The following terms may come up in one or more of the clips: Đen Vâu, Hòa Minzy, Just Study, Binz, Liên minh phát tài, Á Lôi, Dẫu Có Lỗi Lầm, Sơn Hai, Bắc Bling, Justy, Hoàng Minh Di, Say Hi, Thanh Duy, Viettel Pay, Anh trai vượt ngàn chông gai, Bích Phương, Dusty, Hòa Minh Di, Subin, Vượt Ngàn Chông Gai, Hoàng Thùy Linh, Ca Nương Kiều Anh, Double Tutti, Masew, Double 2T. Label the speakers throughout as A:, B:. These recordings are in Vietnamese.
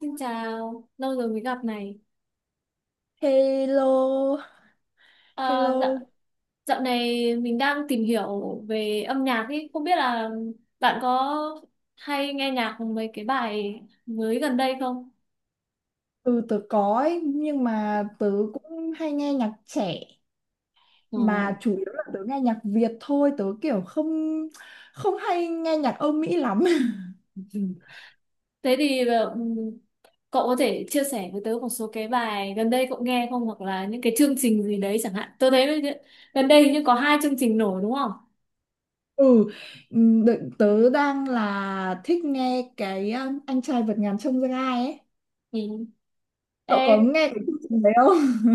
A: Xin chào, lâu rồi mới gặp này.
B: Hello,
A: À, dạo,
B: hello.
A: dạo này mình đang tìm hiểu về âm nhạc ý. Không biết là bạn có hay nghe nhạc mấy cái bài mới gần đây không?
B: Ừ, tớ có ấy, nhưng mà tớ cũng hay nghe nhạc trẻ,
A: Ờ,
B: mà chủ yếu là tớ nghe nhạc Việt thôi, tớ kiểu không không hay nghe nhạc Âu Mỹ lắm.
A: ừ. Thế thì cậu có thể chia sẻ với tớ một số cái bài gần đây cậu nghe không? Hoặc là những cái chương trình gì đấy chẳng hạn. Tôi thấy gần đây hình như có hai chương trình nổi đúng không?
B: Ừ, Tớ đang là thích nghe cái anh trai vượt ngàn chông gai ấy.
A: Ừ.
B: Cậu có
A: Ê,
B: nghe cái chương trình đấy không?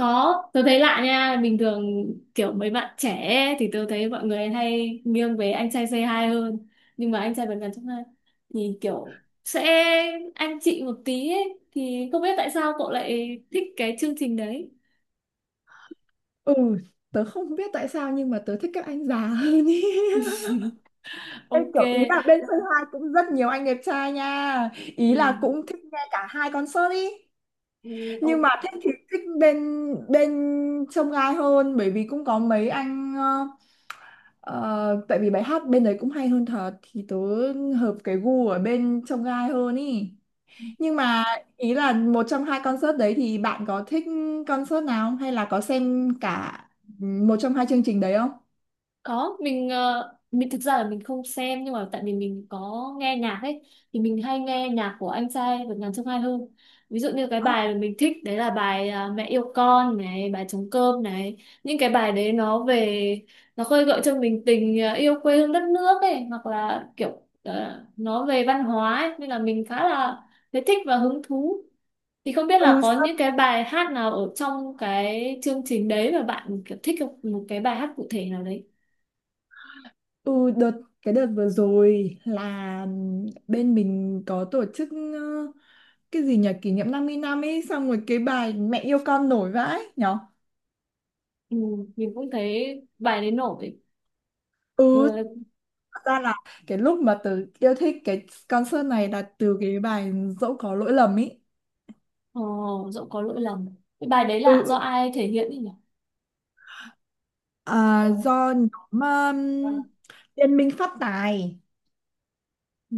A: có, tôi thấy lạ nha, bình thường kiểu mấy bạn trẻ ấy, thì tôi thấy mọi người hay nghiêng về anh trai Say Hi hơn. Nhưng mà anh trai vượt ngàn chông gai thì kiểu sẽ anh chị một tí ấy, thì không biết tại sao cậu lại thích cái chương trình đấy.
B: Ừ, tớ không biết tại sao nhưng mà tớ thích các anh già hơn ý. Ê,
A: Ok,
B: kiểu ý là bên Sơn Hai cũng rất nhiều anh đẹp trai nha, ý là
A: ừ.
B: cũng thích nghe cả hai concert ý,
A: Ừ,
B: nhưng mà
A: ok.
B: thích thì thích bên bên trông gai hơn, bởi vì cũng có mấy anh tại vì bài hát bên đấy cũng hay hơn thật, thì tớ hợp cái gu ở bên trông gai hơn ý. Nhưng mà ý là một trong hai concert đấy thì bạn có thích concert nào không, hay là có xem cả một trong hai chương trình đấy không?
A: Có, mình thực ra là mình không xem, nhưng mà tại vì mình có nghe nhạc ấy thì mình hay nghe nhạc của anh trai Vượt Ngàn Chông Gai hơn, ví dụ như cái bài mà mình thích đấy là bài Mẹ yêu con này, bài trống cơm này, những cái bài đấy nó về, nó khơi gợi cho mình tình yêu quê hương đất nước ấy, hoặc là kiểu nó về văn hóa ấy. Nên là mình khá là thấy thích và hứng thú, thì không biết là
B: Ừ.
A: có những cái bài hát nào ở trong cái chương trình đấy mà bạn kiểu thích không? Một cái bài hát cụ thể nào đấy.
B: Ừ, cái đợt vừa rồi là bên mình có tổ chức cái gì nhỉ, kỷ niệm 50 năm ấy, xong rồi cái bài mẹ yêu con nổi vãi nhở.
A: Ừ, mình cũng thấy bài đấy nổi.
B: Ừ,
A: ừ,
B: thật ra là cái lúc mà tớ yêu thích cái concert này là từ cái bài dẫu có lỗi lầm ấy.
A: ờ, Dẫu có lỗi lầm, cái bài đấy
B: ừ
A: là
B: ừ.
A: do ai thể hiện ấy nhỉ?
B: À, do nhóm Liên minh phát tài.
A: Ừ.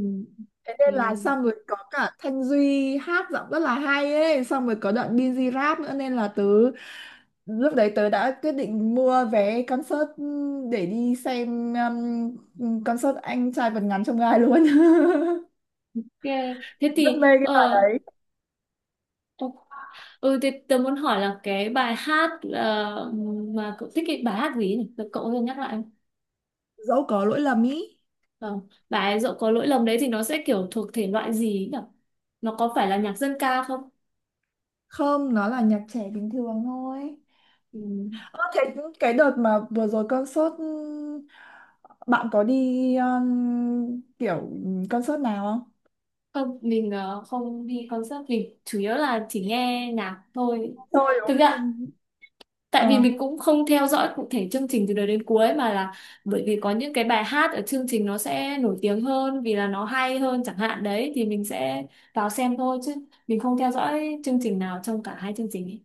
B: Thế nên là
A: Ok.
B: xong rồi có cả Thanh Duy hát giọng rất là hay ấy. Xong rồi có đoạn Binz rap nữa. Nên là tớ lúc đấy tớ đã quyết định mua vé concert, ừ, để đi xem concert anh trai vượt ngàn chông gai luôn.
A: Ok. Thế
B: Rất
A: thì
B: mê cái bài đấy.
A: ok. Ừ, thế tớ muốn hỏi là cái bài hát mà cậu thích, cái bài hát gì nhỉ, cậu có thể nhắc lại không?
B: Dẫu có lỗi lầm ý.
A: Ờ, bài dẫu có lỗi lầm đấy thì nó sẽ kiểu thuộc thể loại gì ấy nhỉ, nó có phải là nhạc dân ca không?
B: Không, nó là nhạc trẻ bình thường thôi.
A: Ừ.
B: Ơ thế, cái đợt mà vừa rồi concert bạn có đi kiểu concert nào không?
A: Không, không đi concert, mình chủ yếu là chỉ nghe nhạc thôi.
B: Tôi đúng
A: Thực
B: không?
A: ra
B: Trên...
A: tại vì
B: ờ
A: mình cũng không theo dõi cụ thể chương trình từ đầu đến cuối, mà là bởi vì có những cái bài hát ở chương trình nó sẽ nổi tiếng hơn vì là nó hay hơn chẳng hạn, đấy thì mình sẽ vào xem thôi, chứ mình không theo dõi chương trình nào trong cả hai chương trình ấy.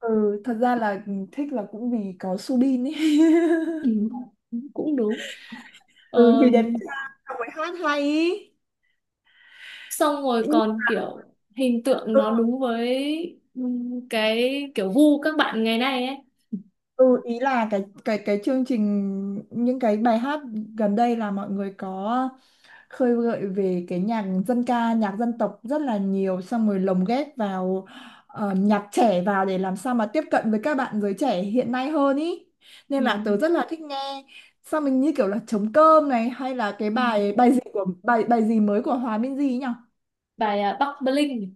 B: ừ, thật ra là thích là cũng vì có Subin ấy.
A: Ừ, cũng đúng.
B: Ừ vì đẹp
A: Ờm,
B: trai, xong rồi hát hay ý.
A: Xong rồi
B: Nhưng
A: còn kiểu hình tượng
B: ừ,
A: nó đúng với cái kiểu gu các bạn ngày nay ấy.
B: ừ, ý là cái chương trình, những cái bài hát gần đây là mọi người có khơi gợi về cái nhạc dân ca, nhạc dân tộc rất là nhiều, xong rồi lồng ghép vào nhạc trẻ vào để làm sao mà tiếp cận với các bạn giới trẻ hiện nay hơn ý, nên
A: Ừ.
B: là tớ rất là thích nghe. Xong mình như kiểu là trống cơm này, hay là cái
A: Ừ.
B: bài bài gì của bài bài gì mới của Hòa Minzy nhỉ.
A: Bài Bắc Bling.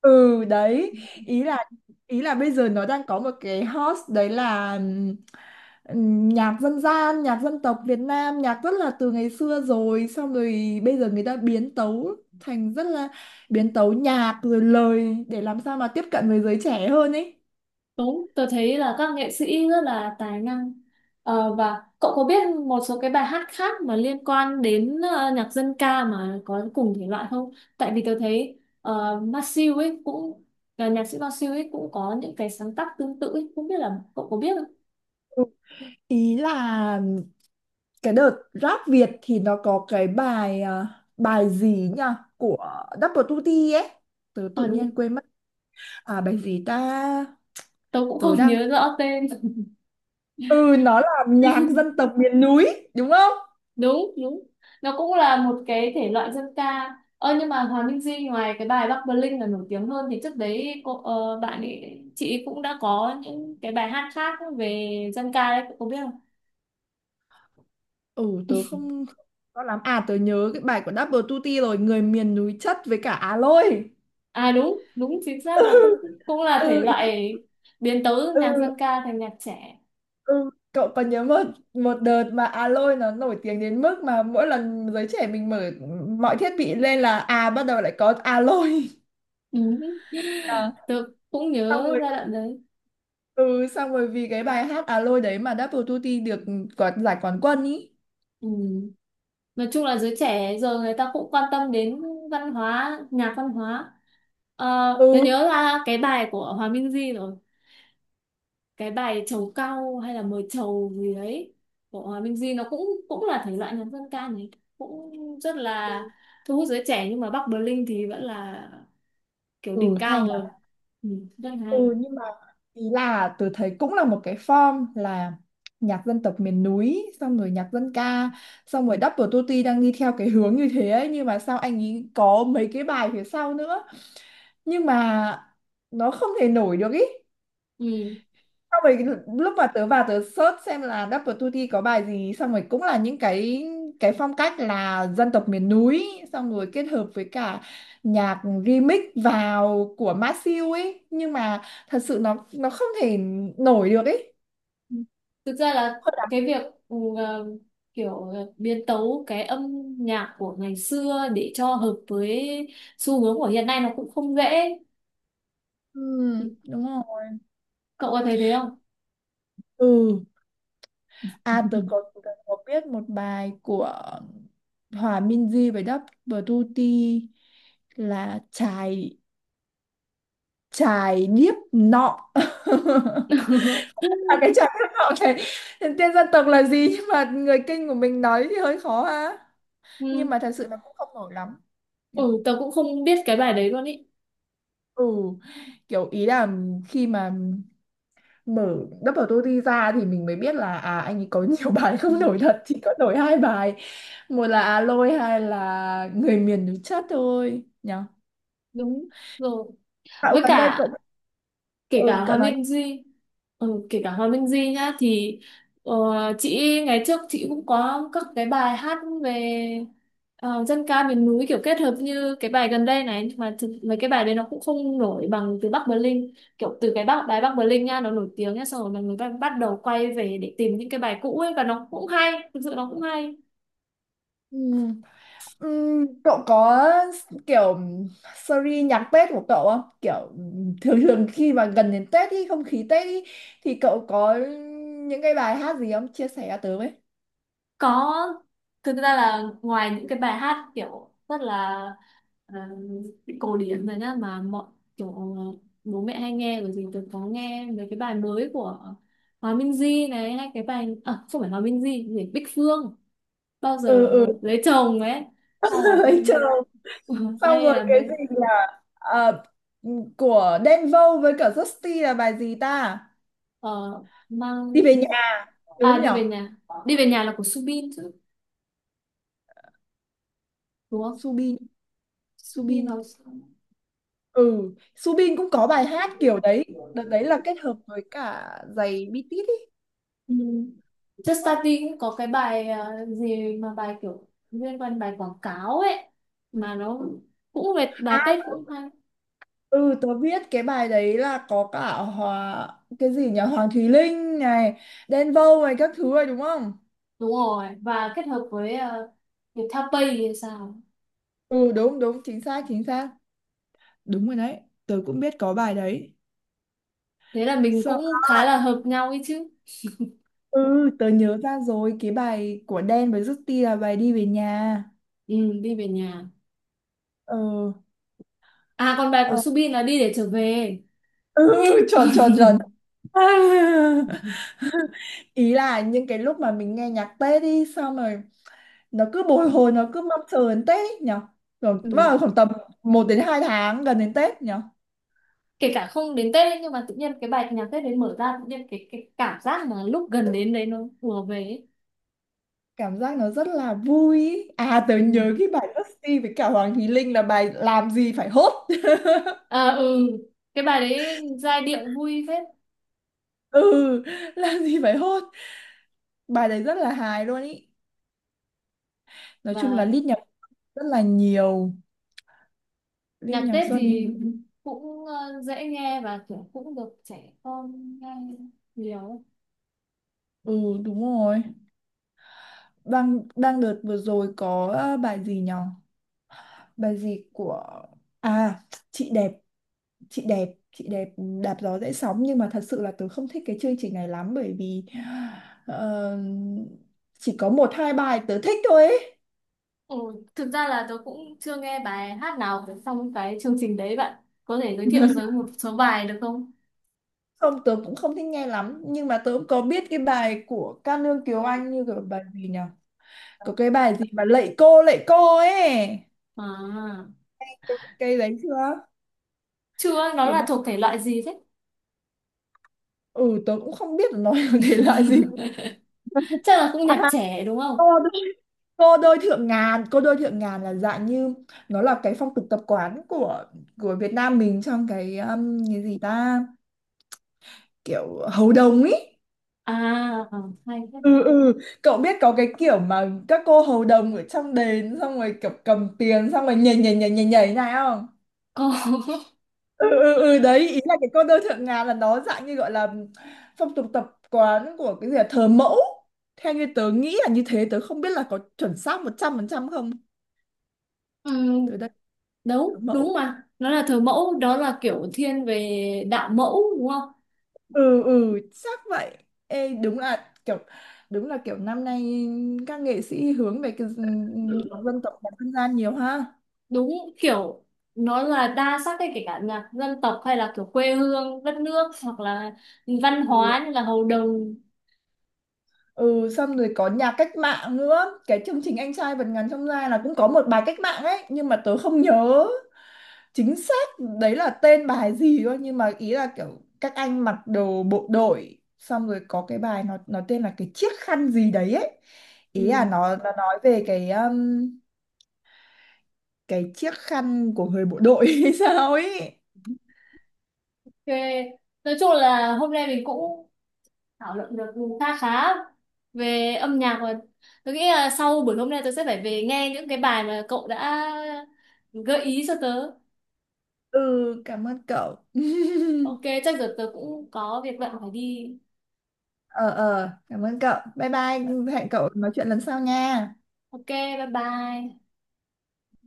B: Ừ đấy, ý là ý là bây giờ nó đang có một cái hot, đấy là nhạc dân gian, nhạc dân tộc Việt Nam, nhạc rất là từ ngày xưa rồi, xong rồi bây giờ người ta biến tấu thành rất là, biến tấu nhạc rồi lời để làm sao mà tiếp cận với giới trẻ hơn ấy.
A: Đúng, tôi thấy là các nghệ sĩ rất là tài năng. Và cậu có biết một số cái bài hát khác mà liên quan đến nhạc dân ca mà có cùng thể loại không? Tại vì tôi thấy Masew ấy cũng là nhạc sĩ, Masew ấy cũng có những cái sáng tác tương tự ấy, không biết là cậu có biết không?
B: Ừ. Ý là cái đợt rap Việt thì nó có cái bài bài gì nhỉ, của Double 2T ấy, tớ
A: Ờ,
B: tự
A: đúng,
B: nhiên quên mất. À bài gì ta,
A: tôi cũng
B: tớ
A: không
B: đang,
A: nhớ rõ tên.
B: ừ nó là nhạc dân tộc miền núi đúng không.
A: Đúng đúng, nó cũng là một cái thể loại dân ca, nhưng mà Hoàng Minh Di ngoài cái bài Bắc Bling là nổi tiếng hơn thì trước đấy cô bạn ấy, chị ấy cũng đã có những cái bài hát khác về dân ca đấy, cô có biết không?
B: Ừ tớ không không rõ lắm, à tớ nhớ cái bài của Double Tutti rồi, người miền núi chất với cả Á Lôi.
A: À, đúng đúng chính xác, nó
B: Ừ.
A: cũng cũng là thể
B: Ừ.
A: loại biến tấu
B: Ừ
A: nhạc dân ca thành nhạc trẻ.
B: ừ. Cậu còn nhớ một một đợt mà Á Lôi nó nổi tiếng đến mức mà mỗi lần giới trẻ mình mở mọi thiết bị lên là à bắt đầu lại có Á Lôi.
A: Ừ.
B: À,
A: Tớ cũng
B: xong
A: nhớ
B: rồi,
A: giai đoạn đấy.
B: ừ xong rồi vì cái bài hát Á Lôi đấy mà Double Tutti được quả, giải quán quân ý.
A: Ừ. Nói chung là giới trẻ giờ người ta cũng quan tâm đến văn hóa, nhạc văn hóa.
B: Ừ
A: Ờ, tớ nhớ là cái bài của Hòa Minh Di rồi, cái bài trầu cau hay là mời trầu gì đấy của Hòa Minh Di nó cũng cũng là thể loại nhạc dân ca này, cũng rất là thu hút giới trẻ, nhưng mà Bắc Berlin thì vẫn là kiểu
B: ừ
A: đỉnh cao
B: hay.
A: rồi. Ừ, rất hay.
B: Ừ nhưng mà ý là tôi thấy cũng là một cái form là nhạc dân tộc miền núi, xong rồi nhạc dân ca, xong rồi Double Tutti đang đi theo cái hướng như thế ấy, nhưng mà sao anh ấy có mấy cái bài phía sau nữa, nhưng mà nó không thể nổi được ý.
A: Ừ.
B: Xong rồi lúc mà tớ vào tớ search xem là Double Tutti có bài gì, xong rồi cũng là những cái phong cách là dân tộc miền núi, xong rồi kết hợp với cả nhạc remix vào của Masew ấy, nhưng mà thật sự nó không thể nổi được ấy.
A: Thực ra là
B: Hơi
A: cái
B: đặc.
A: việc ừ, ờ, kiểu biến tấu cái âm nhạc của ngày xưa để cho hợp với xu hướng của hiện nay nó cũng không dễ.
B: Ừ, đúng rồi.
A: Cậu có thấy thế không?
B: Ừ à tớ có biết một bài của Hòa Minzy với Double Tutti là chài chài điếc nọ, là cái chài điếc nọ này, tên dân tộc là gì nhưng mà người Kinh của mình nói thì hơi khó ha, nhưng
A: Ừ,
B: mà thật sự là cũng không nổi lắm nhỉ?
A: ừ tớ cũng không biết cái bài đấy luôn ý.
B: Ừ, kiểu ý là khi mà mở Double TOTY ra thì mình mới biết là à anh ấy có nhiều bài
A: Ừ.
B: không nổi thật, chỉ có nổi hai bài, một là à lôi, hai là người miền núi chất thôi nhỉ.
A: Đúng rồi,
B: Cậu
A: với
B: gần đây
A: cả
B: cậu,
A: kể
B: ừ
A: cả Hòa
B: cậu nói.
A: Minh Di, kể cả Hòa Minh Di nhá, thì ờ, chị, ngày trước chị cũng có các cái bài hát về dân ca miền núi kiểu kết hợp như cái bài gần đây này, nhưng mà thực, mấy cái bài đấy nó cũng không nổi bằng từ Bắc Berlin, kiểu từ cái Bắc đài Bắc Berlin nha, nó nổi tiếng nhá, xong rồi mọi người bắt bắt đầu quay về để tìm những cái bài cũ ấy và nó cũng hay, thực sự nó cũng hay.
B: Ừ. Cậu có kiểu series nhạc Tết của cậu không? Kiểu thường thường khi mà gần đến Tết ý, không khí Tết ý, thì cậu có những cái bài hát gì không? Chia sẻ cho tớ với.
A: Có, thực ra là ngoài những cái bài hát kiểu rất là ờ, cổ điển rồi nhá, mà mọi kiểu bố mẹ hay nghe rồi, thì tôi có nghe mấy cái bài mới của Hòa Minzy này, hay cái bài không phải Hòa Minzy, gì Bích Phương bao
B: Ừ
A: giờ
B: ừ,
A: lấy chồng ấy, hay là cái
B: ấy chờ.
A: mới
B: Xong
A: hay
B: rồi
A: là
B: cái
A: mấy
B: gì là ờ, của Đen Vâu với cả Justy là bài gì ta?
A: ờ, mang
B: Đi về nhà, đúng không
A: đi
B: nhở?
A: về nhà, đi về nhà là của Subin chứ đúng không?
B: Subin,
A: Subin là
B: Subin. Ừ, Subin cũng có bài hát kiểu đấy. Đợt đấy là kết hợp với cả giày bi tít ý.
A: ừ. Just Study cũng có cái bài gì mà bài kiểu liên quan bài quảng cáo ấy, mà nó cũng về bài Tết cũng hay.
B: Ừ, tớ biết cái bài đấy là có cả Hòa, cái gì nhỉ, Hoàng Thùy Linh này, Đen Vâu này, các thứ rồi đúng không?
A: Đúng rồi, và kết hợp với Viettel Pay thì sao.
B: Ừ đúng đúng, chính xác chính xác, đúng rồi đấy, tớ cũng biết có bài đấy.
A: Thế là mình
B: Sao à,
A: cũng khá là hợp nhau ấy chứ.
B: ừ tớ nhớ ra rồi, cái bài của Đen với Justin là bài đi về nhà.
A: Ừ, đi về nhà.
B: Ừ.
A: À, còn bài của
B: Ờ,
A: Subin là đi để trở về.
B: ừ, tròn tròn tròn. Ý là những cái lúc mà mình nghe nhạc Tết đi, xong rồi nó cứ bồi hồi, nó cứ mong chờ đến Tết nhở, rồi
A: Ừ.
B: vào khoảng tầm 1 đến 2 tháng gần đến Tết nhở.
A: Kể cả không đến Tết ấy, nhưng mà tự nhiên cái bài nhạc Tết đấy mở ra, tự nhiên cái cảm giác mà lúc gần đến đấy nó ùa về ấy.
B: Cảm giác nó rất là vui ý. À tớ
A: Ừ.
B: nhớ cái bài Dusty với cả Hoàng Thùy Linh là bài làm gì phải hốt.
A: À, ừ, cái bài đấy giai điệu vui phết.
B: Ừ, làm gì phải hốt, bài đấy rất là hài luôn ý. Nói chung là
A: Và
B: lít nhà rất là nhiều lít
A: nhạc
B: nhà
A: Tết
B: Xuân
A: thì
B: thì-
A: cũng dễ nghe và kiểu cũng được trẻ con nghe nhiều.
B: ừ đúng rồi. Đang đang đợt vừa rồi có bài gì nhở, bài gì của, à, chị đẹp, chị đẹp đạp gió dễ sóng, nhưng mà thật sự là tớ không thích cái chương trình này lắm, bởi vì ờ, chỉ có một hai bài tớ thích thôi ấy.
A: Ừ, thực ra là tôi cũng chưa nghe bài hát nào của trong cái chương trình đấy, bạn có thể giới thiệu một số bài được không?
B: Không tớ cũng không thích nghe lắm, nhưng mà tớ cũng có biết cái bài của Ca Nương Kiều Anh, như cái bài gì nhỉ, có cái bài gì mà lạy cô ấy,
A: À,
B: cái đấy chưa.
A: chưa. Nó
B: Cái
A: là
B: bài...
A: thuộc thể loại gì thế?
B: ừ tớ cũng không biết là nó là thể loại gì.
A: Chắc là cũng nhạc trẻ đúng
B: À,
A: không?
B: cô đôi thượng ngàn, cô đôi thượng ngàn là dạng như, nó là cái phong tục tập quán của Việt Nam mình trong cái gì ta, kiểu hầu đồng ý.
A: À, ờ, hay thế.
B: Ừ ừ, cậu biết có cái kiểu mà các cô hầu đồng ở trong đền xong rồi kiểu cầm tiền xong rồi nhảy nhảy nhảy nhảy nhảy này không.
A: Có.
B: Ừ ừ ừ đấy, ý là cái cô đôi thượng ngàn là nó dạng như gọi là phong tục tập quán của cái gì là thờ mẫu, theo như tớ nghĩ là như thế, tớ không biết là có chuẩn xác 100% không.
A: Ừ,
B: Tớ đây thờ
A: đúng đúng,
B: mẫu.
A: mà nó là thờ mẫu, đó là kiểu thiên về đạo mẫu đúng không?
B: Ừ ừ chắc vậy. Ê, đúng là kiểu, đúng là kiểu năm nay các nghệ sĩ hướng về cái nhạc dân tộc, nhạc dân gian nhiều ha.
A: Đúng, kiểu nó là đa sắc ấy, kể cả nhạc dân tộc hay là kiểu quê hương đất nước hoặc là văn hóa như là hầu đồng.
B: Ừ xong rồi có nhạc cách mạng nữa, cái chương trình anh trai vượt ngàn chông gai là cũng có một bài cách mạng ấy, nhưng mà tớ không nhớ chính xác đấy là tên bài gì thôi, nhưng mà ý là kiểu các anh mặc đồ bộ đội, xong rồi có cái bài nó tên là cái chiếc khăn gì đấy ấy,
A: Ừ.
B: ý là nó nói về cái chiếc khăn của người bộ đội hay sao ấy.
A: Ok. Nói chung là hôm nay mình cũng thảo luận được khá khá về âm nhạc, và tôi nghĩ là sau buổi hôm nay tôi sẽ phải về nghe những cái bài mà cậu đã gợi ý cho tớ.
B: Ừ cảm ơn cậu.
A: Ok, chắc giờ tớ cũng có việc bận phải đi.
B: Ờ ờ cảm ơn cậu, bye bye, hẹn cậu nói chuyện lần sau nha.
A: Ok, bye bye.